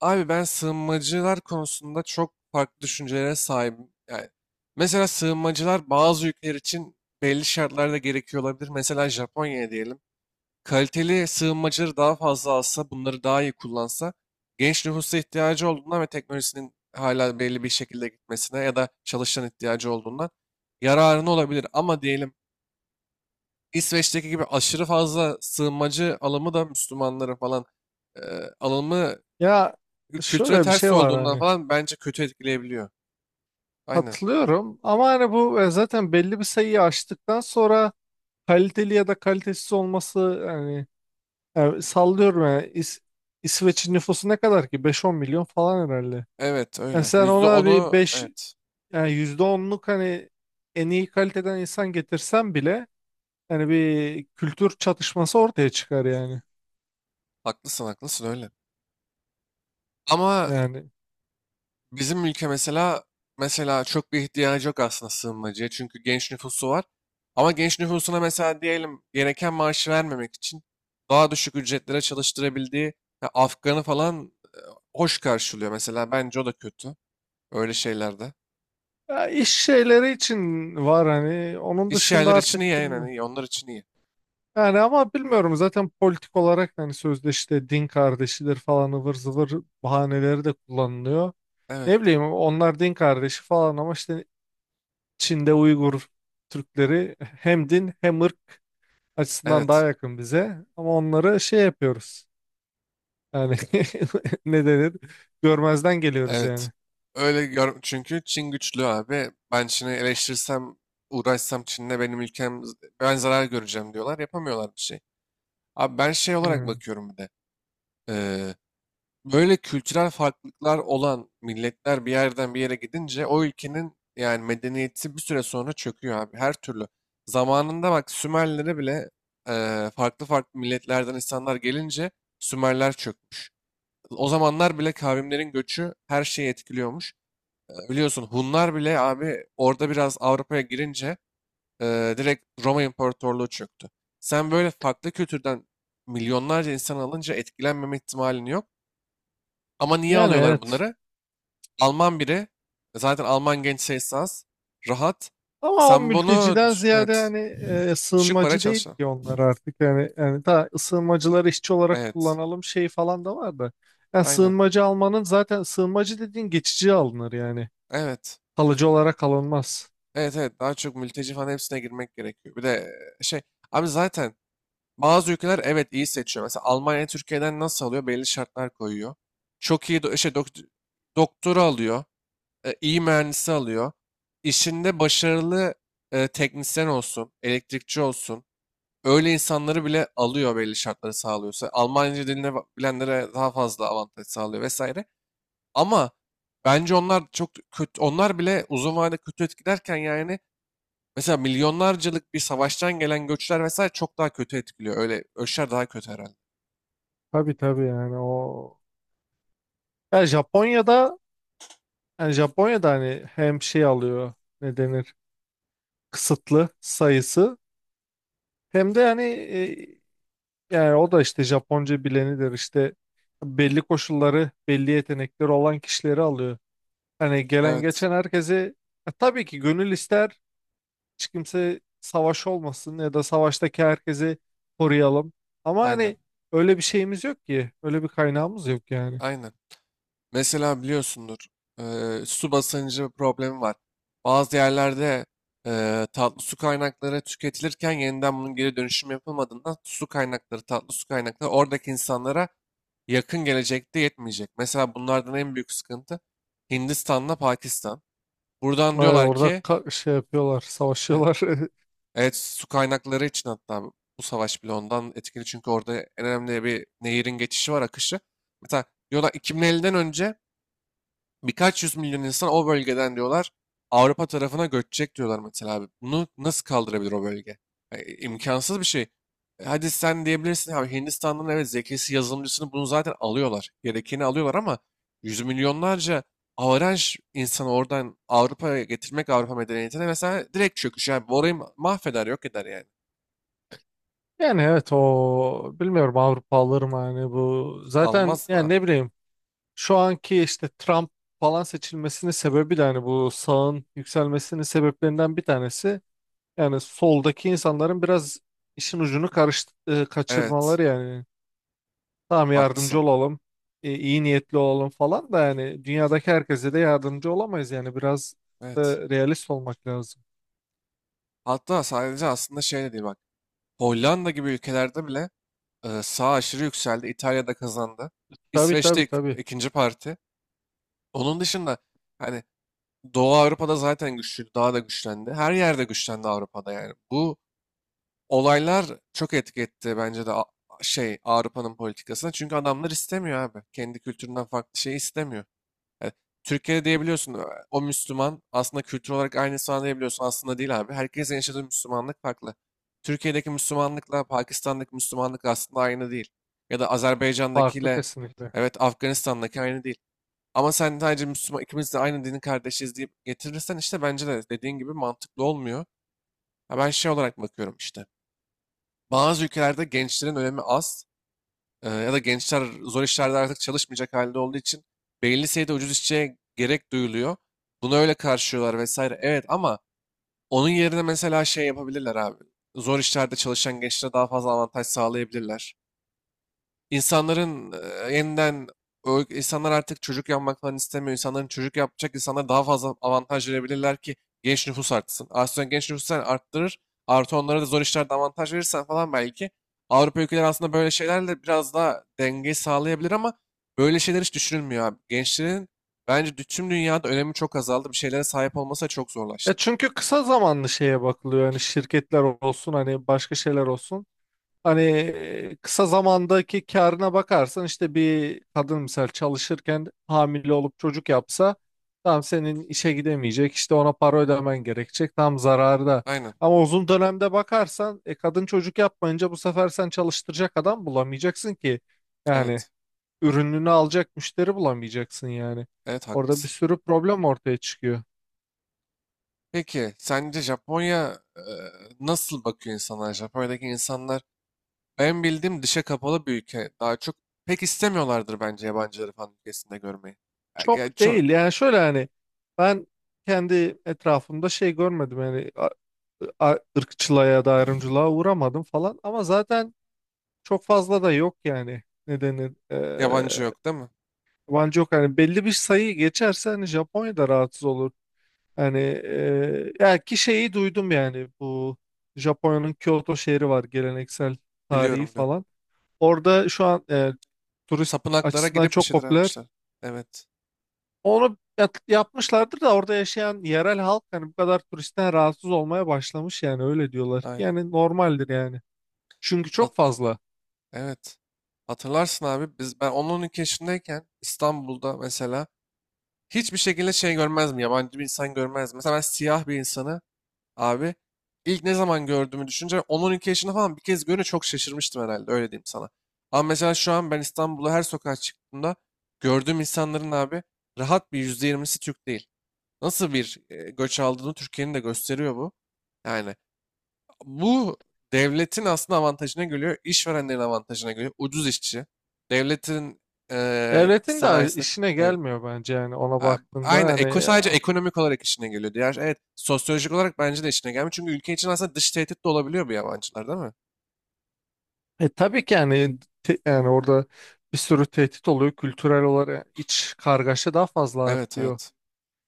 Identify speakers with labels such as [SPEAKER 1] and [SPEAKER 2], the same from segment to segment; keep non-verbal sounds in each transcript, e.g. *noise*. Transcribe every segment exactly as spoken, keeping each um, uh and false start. [SPEAKER 1] Abi ben sığınmacılar konusunda çok farklı düşüncelere sahibim. Yani mesela sığınmacılar bazı ülkeler için belli şartlarda gerekiyor olabilir. Mesela Japonya'ya diyelim. Kaliteli sığınmacıları daha fazla alsa, bunları daha iyi kullansa, genç nüfusa ihtiyacı olduğundan ve teknolojisinin hala belli bir şekilde gitmesine ya da çalışan ihtiyacı olduğundan yararını olabilir. Ama diyelim İsveç'teki gibi aşırı fazla sığınmacı alımı da Müslümanlara falan e, alımı
[SPEAKER 2] Ya,
[SPEAKER 1] kültüre
[SPEAKER 2] şöyle bir
[SPEAKER 1] ters
[SPEAKER 2] şey var,
[SPEAKER 1] olduğundan
[SPEAKER 2] hani
[SPEAKER 1] falan bence kötü etkileyebiliyor. Aynen.
[SPEAKER 2] katılıyorum ama hani bu e, zaten belli bir sayıyı aştıktan sonra kaliteli ya da kalitesiz olması, hani e, sallıyorum, yani İs- İsveç'in nüfusu ne kadar ki? Beş on milyon falan herhalde.
[SPEAKER 1] Evet,
[SPEAKER 2] Yani
[SPEAKER 1] öyle.
[SPEAKER 2] sen
[SPEAKER 1] Yüzde
[SPEAKER 2] ona bir
[SPEAKER 1] onu
[SPEAKER 2] beş,
[SPEAKER 1] evet.
[SPEAKER 2] yani yüzde onluk, hani en iyi kaliteden insan getirsen bile hani bir kültür çatışması ortaya çıkar yani.
[SPEAKER 1] Haklısın, haklısın, öyle. Ama
[SPEAKER 2] Yani
[SPEAKER 1] bizim ülke mesela mesela çok bir ihtiyacı yok aslında sığınmacıya. Çünkü genç nüfusu var. Ama genç nüfusuna mesela diyelim gereken maaşı vermemek için daha düşük ücretlere çalıştırabildiği ya Afgan'ı falan hoş karşılıyor. Mesela bence o da kötü. Öyle şeylerde.
[SPEAKER 2] ya iş şeyleri için var hani, onun
[SPEAKER 1] İş
[SPEAKER 2] dışında
[SPEAKER 1] yerleri için iyi,
[SPEAKER 2] artık
[SPEAKER 1] yani
[SPEAKER 2] bilmiyorum.
[SPEAKER 1] iyi. Onlar için iyi.
[SPEAKER 2] Yani ama bilmiyorum, zaten politik olarak hani sözde işte din kardeşidir falan ıvır zıvır bahaneleri de kullanılıyor.
[SPEAKER 1] Evet.
[SPEAKER 2] Ne bileyim, onlar din kardeşi falan ama işte Çin'de Uygur Türkleri hem din hem ırk açısından daha
[SPEAKER 1] Evet.
[SPEAKER 2] yakın bize, ama onları şey yapıyoruz. Yani *laughs* ne denir? Görmezden geliyoruz
[SPEAKER 1] Evet.
[SPEAKER 2] yani.
[SPEAKER 1] Öyle gör, çünkü Çin güçlü abi. Ben Çin'i eleştirsem, uğraşsam Çin'le benim ülkem, ben zarar göreceğim diyorlar. Yapamıyorlar bir şey. Abi ben şey olarak
[SPEAKER 2] Hmm.
[SPEAKER 1] bakıyorum bir de. Ee, böyle kültürel farklılıklar olan milletler bir yerden bir yere gidince o ülkenin yani medeniyeti bir süre sonra çöküyor abi. Her türlü. Zamanında bak Sümerlere bile e, farklı farklı milletlerden insanlar gelince Sümerler çökmüş. O zamanlar bile kavimlerin göçü her şeyi etkiliyormuş. Biliyorsun Hunlar bile abi orada biraz Avrupa'ya girince e, direkt Roma İmparatorluğu çöktü. Sen böyle farklı kültürden milyonlarca insan alınca etkilenmeme ihtimalin yok. Ama niye
[SPEAKER 2] Yani
[SPEAKER 1] alıyorlar
[SPEAKER 2] evet.
[SPEAKER 1] bunları? Alman biri, zaten Alman genç sayısı az, rahat.
[SPEAKER 2] Ama o
[SPEAKER 1] Sen bunu
[SPEAKER 2] mülteciden
[SPEAKER 1] düş-
[SPEAKER 2] ziyade
[SPEAKER 1] evet,
[SPEAKER 2] yani, e,
[SPEAKER 1] düşük paraya
[SPEAKER 2] sığınmacı değil
[SPEAKER 1] çalışan.
[SPEAKER 2] ki onlar artık, yani yani daha sığınmacıları işçi olarak
[SPEAKER 1] Evet,
[SPEAKER 2] kullanalım şey falan da var da. Yani
[SPEAKER 1] aynen.
[SPEAKER 2] sığınmacı almanın, zaten sığınmacı dediğin geçici alınır yani.
[SPEAKER 1] Evet,
[SPEAKER 2] Kalıcı olarak alınmaz.
[SPEAKER 1] evet, evet. Daha çok mülteci falan hepsine girmek gerekiyor. Bir de e, şey, abi zaten bazı ülkeler evet iyi seçiyor. Mesela Almanya Türkiye'den nasıl alıyor? Belli şartlar koyuyor. Çok iyi do- şey, dokt- doktoru alıyor. E, iyi mühendisi alıyor. İşinde başarılı e, teknisyen olsun, elektrikçi olsun. Öyle insanları bile alıyor belli şartları sağlıyorsa. Almanca dilini ba- bilenlere daha fazla avantaj sağlıyor vesaire. Ama bence onlar çok kötü, onlar bile uzun vadede kötü etkilerken yani mesela milyonlarcalık bir savaştan gelen göçler vesaire çok daha kötü etkiliyor. Öyle ölçüler daha kötü herhalde.
[SPEAKER 2] Tabii tabii, yani o, yani Japonya'da yani Japonya'da hani hem şey alıyor, ne denir, kısıtlı sayısı, hem de hani e, yani o da işte Japonca bilenidir, işte belli koşulları belli yetenekleri olan kişileri alıyor. Hani gelen
[SPEAKER 1] Evet,
[SPEAKER 2] geçen herkesi, e, tabii ki gönül ister hiç kimse savaş olmasın ya da savaştaki herkesi koruyalım. Ama
[SPEAKER 1] aynen,
[SPEAKER 2] hani öyle bir şeyimiz yok ki. Öyle bir kaynağımız yok yani.
[SPEAKER 1] aynen. Mesela biliyorsundur, eee, su basıncı problemi var. Bazı yerlerde eee, tatlı su kaynakları tüketilirken yeniden bunun geri dönüşüm yapılmadığından su kaynakları, tatlı su kaynakları oradaki insanlara yakın gelecekte yetmeyecek. Mesela bunlardan en büyük sıkıntı Hindistan'la Pakistan. Buradan
[SPEAKER 2] Ay,
[SPEAKER 1] diyorlar
[SPEAKER 2] orada
[SPEAKER 1] ki,
[SPEAKER 2] ka- şey yapıyorlar,
[SPEAKER 1] e,
[SPEAKER 2] savaşıyorlar. *laughs*
[SPEAKER 1] evet, su kaynakları için, hatta bu bu savaş bile ondan etkili, çünkü orada en önemli bir nehirin geçişi var, akışı. Mesela diyorlar iki bin elliden önce birkaç yüz milyon insan o bölgeden diyorlar Avrupa tarafına göçecek diyorlar mesela abi. Bunu nasıl kaldırabilir o bölge? Yani imkansız bir şey. E, Hadi sen diyebilirsin abi, Hindistan'ın, evet, zekisi yazılımcısını bunu zaten alıyorlar. Gerekeni alıyorlar, ama yüz milyonlarca avaraj insanı oradan Avrupa'ya getirmek Avrupa medeniyetine mesela direkt çöküş. Yani bu orayı ma- mahveder, yok eder yani.
[SPEAKER 2] Yani evet, o bilmiyorum, Avrupa alır mı hani bu? Zaten,
[SPEAKER 1] Almaz
[SPEAKER 2] yani
[SPEAKER 1] da.
[SPEAKER 2] ne bileyim, şu anki işte Trump falan seçilmesinin sebebi de hani bu, sağın yükselmesinin sebeplerinden bir tanesi. Yani soldaki insanların biraz işin ucunu karıştı, e,
[SPEAKER 1] Evet,
[SPEAKER 2] kaçırmaları yani. Tamam
[SPEAKER 1] haklısın.
[SPEAKER 2] yardımcı olalım, e, iyi niyetli olalım falan da, yani dünyadaki herkese de yardımcı olamayız yani, biraz
[SPEAKER 1] Evet.
[SPEAKER 2] da realist olmak lazım.
[SPEAKER 1] Hatta sadece aslında şey de değil bak. Hollanda gibi ülkelerde bile Ee, sağ aşırı yükseldi. İtalya'da kazandı.
[SPEAKER 2] Tabii
[SPEAKER 1] İsveç'te
[SPEAKER 2] tabii
[SPEAKER 1] ik-
[SPEAKER 2] tabii.
[SPEAKER 1] ikinci parti. Onun dışında hani Doğu Avrupa'da zaten güçlüydü. Daha da güçlendi. Her yerde güçlendi Avrupa'da yani. Bu olaylar çok etki etti bence de A- şey Avrupa'nın politikasına. Çünkü adamlar istemiyor abi. Kendi kültüründen farklı şey istemiyor. E, Türkiye'de diyebiliyorsun "Ö, o Müslüman aslında, kültür olarak aynısı falan diyebiliyorsun. Aslında değil abi. Herkesin yaşadığı Müslümanlık farklı. Türkiye'deki Müslümanlıkla Pakistan'daki Müslümanlık aslında aynı değil. Ya da
[SPEAKER 2] Farklı
[SPEAKER 1] Azerbaycan'dakiyle,
[SPEAKER 2] kesinlikle.
[SPEAKER 1] evet, Afganistan'daki aynı değil. Ama sen sadece Müslüman, ikimiz de aynı dinin kardeşiz deyip getirirsen, işte bence de dediğin gibi mantıklı olmuyor. Ha, ben şey olarak bakıyorum işte. Bazı ülkelerde gençlerin önemi az. Ee, ya da gençler zor işlerde artık çalışmayacak halde olduğu için belli sayıda ucuz işçiye gerek duyuluyor. Bunu öyle karşılıyorlar vesaire. Evet, ama onun yerine mesela şey yapabilirler abi. Zor işlerde çalışan gençlere daha fazla avantaj sağlayabilirler. İnsanların e, yeniden o- insanlar artık çocuk yapmak falan istemiyor. İnsanların, çocuk yapacak insanlara daha fazla avantaj verebilirler ki genç nüfus artsın. Aslında genç nüfusu sen arttırır. Artı onlara da zor işlerde avantaj verirsen falan belki Avrupa ülkeleri aslında böyle şeylerle biraz daha denge sağlayabilir, ama böyle şeyler hiç düşünülmüyor abi. Gençlerin bence dü- tüm dünyada önemi çok azaldı. Bir şeylere sahip olması da çok
[SPEAKER 2] Ya
[SPEAKER 1] zorlaştı.
[SPEAKER 2] çünkü kısa zamanlı şeye bakılıyor, yani şirketler olsun hani, başka şeyler olsun. Hani e, kısa zamandaki karına bakarsan, işte bir kadın misal çalışırken hamile olup çocuk yapsa tam senin işe gidemeyecek, işte ona para ödemen gerekecek, tam zararda.
[SPEAKER 1] Aynen.
[SPEAKER 2] Ama uzun dönemde bakarsan e, kadın çocuk yapmayınca bu sefer sen çalıştıracak adam bulamayacaksın ki. Yani
[SPEAKER 1] Evet.
[SPEAKER 2] ürününü alacak müşteri bulamayacaksın yani.
[SPEAKER 1] Evet,
[SPEAKER 2] Orada bir
[SPEAKER 1] haklısın.
[SPEAKER 2] sürü problem ortaya çıkıyor.
[SPEAKER 1] Peki sence Japonya e, nasıl bakıyor insanlar? Japonya'daki insanlar, ben bildiğim, dışa kapalı bir ülke. Daha çok pek istemiyorlardır bence yabancıları falan ülkesinde görmeyi. Ya, gel-
[SPEAKER 2] Çok
[SPEAKER 1] ço-
[SPEAKER 2] değil yani, şöyle hani, ben kendi etrafımda şey görmedim yani, a- ırkçılığa ya da ayrımcılığa uğramadım falan, ama zaten çok fazla da yok yani, ne denir, eee
[SPEAKER 1] yabancı yok, değil mi?
[SPEAKER 2] yabancı yok, hani belli bir sayı geçerse hani Japonya'da rahatsız olur, hani eee ya ki şeyi duydum, yani bu Japonya'nın Kyoto şehri var, geleneksel, tarihi
[SPEAKER 1] Biliyorum, diyorum.
[SPEAKER 2] falan, orada şu an, eee, turist
[SPEAKER 1] Tapınaklara
[SPEAKER 2] açısından
[SPEAKER 1] gidip bir
[SPEAKER 2] çok
[SPEAKER 1] şeyler
[SPEAKER 2] popüler,
[SPEAKER 1] yapmışlar. Evet.
[SPEAKER 2] onu yap- yapmışlardır da orada yaşayan yerel halk hani bu kadar turistten rahatsız olmaya başlamış, yani öyle diyorlar ki,
[SPEAKER 1] Aynen.
[SPEAKER 2] yani normaldir yani. Çünkü
[SPEAKER 1] Hat-
[SPEAKER 2] çok fazla.
[SPEAKER 1] evet. Hatırlarsın abi, biz ben on on iki yaşındayken İstanbul'da mesela hiçbir şekilde şey görmezdim. Yabancı bir insan görmezdim. Mesela ben siyah bir insanı abi. İlk ne zaman gördüğümü düşünce on on iki yaşında falan bir kez görünce çok şaşırmıştım herhalde, öyle diyeyim sana. Ama mesela şu an ben İstanbul'a her sokağa çıktığımda gördüğüm insanların abi, rahat bir yüzde yirmisi Türk değil. Nasıl bir e, göç aldığını Türkiye'nin de gösteriyor bu. Yani bu, devletin aslında avantajına geliyor, işverenlerin avantajına geliyor. Ucuz işçi, devletin e,
[SPEAKER 2] Devletin de
[SPEAKER 1] sanayisinde
[SPEAKER 2] işine
[SPEAKER 1] e,
[SPEAKER 2] gelmiyor bence, yani ona
[SPEAKER 1] Ha,
[SPEAKER 2] baktığında
[SPEAKER 1] aynen. Eko
[SPEAKER 2] yani
[SPEAKER 1] sadece
[SPEAKER 2] ya.
[SPEAKER 1] ekonomik olarak işine geliyor. Diğer, evet, sosyolojik olarak bence de işine gelmiyor. Çünkü ülke için aslında dış tehdit de olabiliyor bu yabancılar, değil mi?
[SPEAKER 2] E tabii ki yani, te- yani orada bir sürü tehdit oluyor. Kültürel olarak iç kargaşa daha fazla
[SPEAKER 1] Evet,
[SPEAKER 2] artıyor.
[SPEAKER 1] evet.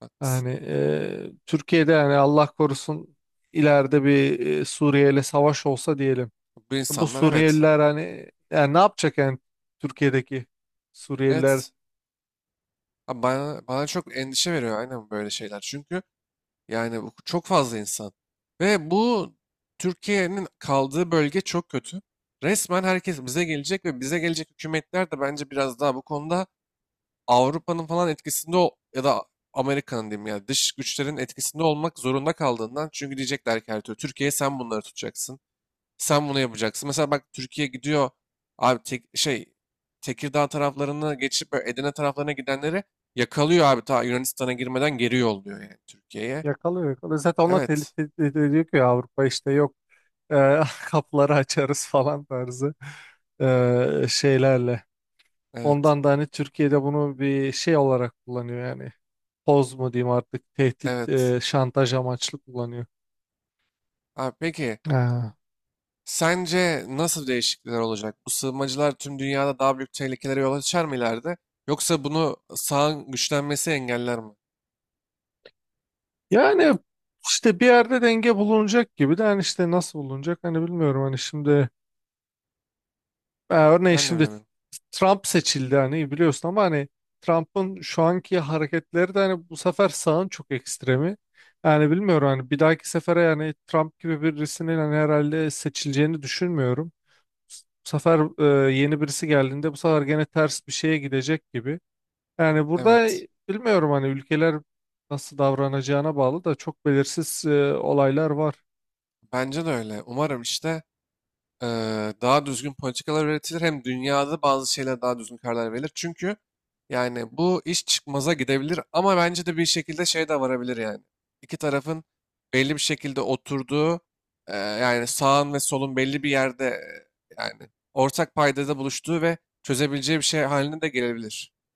[SPEAKER 1] Haklısın.
[SPEAKER 2] Yani e, Türkiye'de yani Allah korusun ileride bir e, Suriye ile savaş olsa diyelim.
[SPEAKER 1] Bu
[SPEAKER 2] Bu
[SPEAKER 1] insanlar, evet.
[SPEAKER 2] Suriyeliler hani, yani ne yapacak yani? Türkiye'deki Suriyeliler
[SPEAKER 1] Evet. Ha, Bana, bana çok endişe veriyor aynen böyle şeyler. Çünkü yani bu çok fazla insan. Ve bu, Türkiye'nin kaldığı bölge çok kötü. Resmen herkes bize gelecek ve bize gelecek hükümetler de bence biraz daha bu konuda Avrupa'nın falan etkisinde ol- ya da Amerika'nın, diyeyim, ya dış güçlerin etkisinde olmak zorunda kaldığından, çünkü diyecekler ki her türlü Türkiye, sen bunları tutacaksın. Sen bunu yapacaksın. Mesela bak, Türkiye gidiyor abi, tek, şey Tekirdağ taraflarını geçip böyle Edirne taraflarına gidenleri yakalıyor abi, ta Yunanistan'a girmeden geri yolluyor yani Türkiye'ye.
[SPEAKER 2] yakalıyor, yakalıyor. Zaten onlar
[SPEAKER 1] Evet.
[SPEAKER 2] tehdit, tehdit ediyor ki Avrupa işte yok, e, *laughs* kapları açarız falan tarzı e, şeylerle.
[SPEAKER 1] Evet.
[SPEAKER 2] Ondan da hani Türkiye'de bunu bir şey olarak kullanıyor yani. Poz mu diyeyim artık, tehdit,
[SPEAKER 1] Evet.
[SPEAKER 2] e, şantaj amaçlı kullanıyor.
[SPEAKER 1] Abi peki,
[SPEAKER 2] Ha.
[SPEAKER 1] sence nasıl değişiklikler olacak? Bu sığınmacılar tüm dünyada daha büyük tehlikelere yol açar mı ileride? Yoksa bunu sağın güçlenmesi engeller mi?
[SPEAKER 2] Yani işte bir yerde denge bulunacak gibi de hani, işte nasıl bulunacak hani bilmiyorum, hani şimdi e, örneğin
[SPEAKER 1] Ben de
[SPEAKER 2] şimdi
[SPEAKER 1] bilemiyorum.
[SPEAKER 2] Trump seçildi hani biliyorsun, ama hani Trump'ın şu anki hareketleri de hani bu sefer sağın çok ekstremi. Yani bilmiyorum hani, bir dahaki sefere yani Trump gibi birisinin hani herhalde seçileceğini düşünmüyorum. Bu sefer e, yeni birisi geldiğinde bu sefer gene ters bir şeye gidecek gibi. Yani burada
[SPEAKER 1] Evet.
[SPEAKER 2] bilmiyorum hani, ülkeler nasıl davranacağına bağlı da, çok belirsiz e, olaylar var.
[SPEAKER 1] Bence de öyle. Umarım işte. eee, daha düzgün politikalar üretilir. Hem dünyada bazı şeyler daha düzgün karar verilir. Çünkü yani bu iş çıkmaza gidebilir, ama bence de bir şekilde şey de varabilir yani. İki tarafın belli bir şekilde oturduğu, eee, yani sağın ve solun belli bir yerde, eee, yani ortak paydada buluştuğu ve çözebileceği bir şey haline de gelebilir.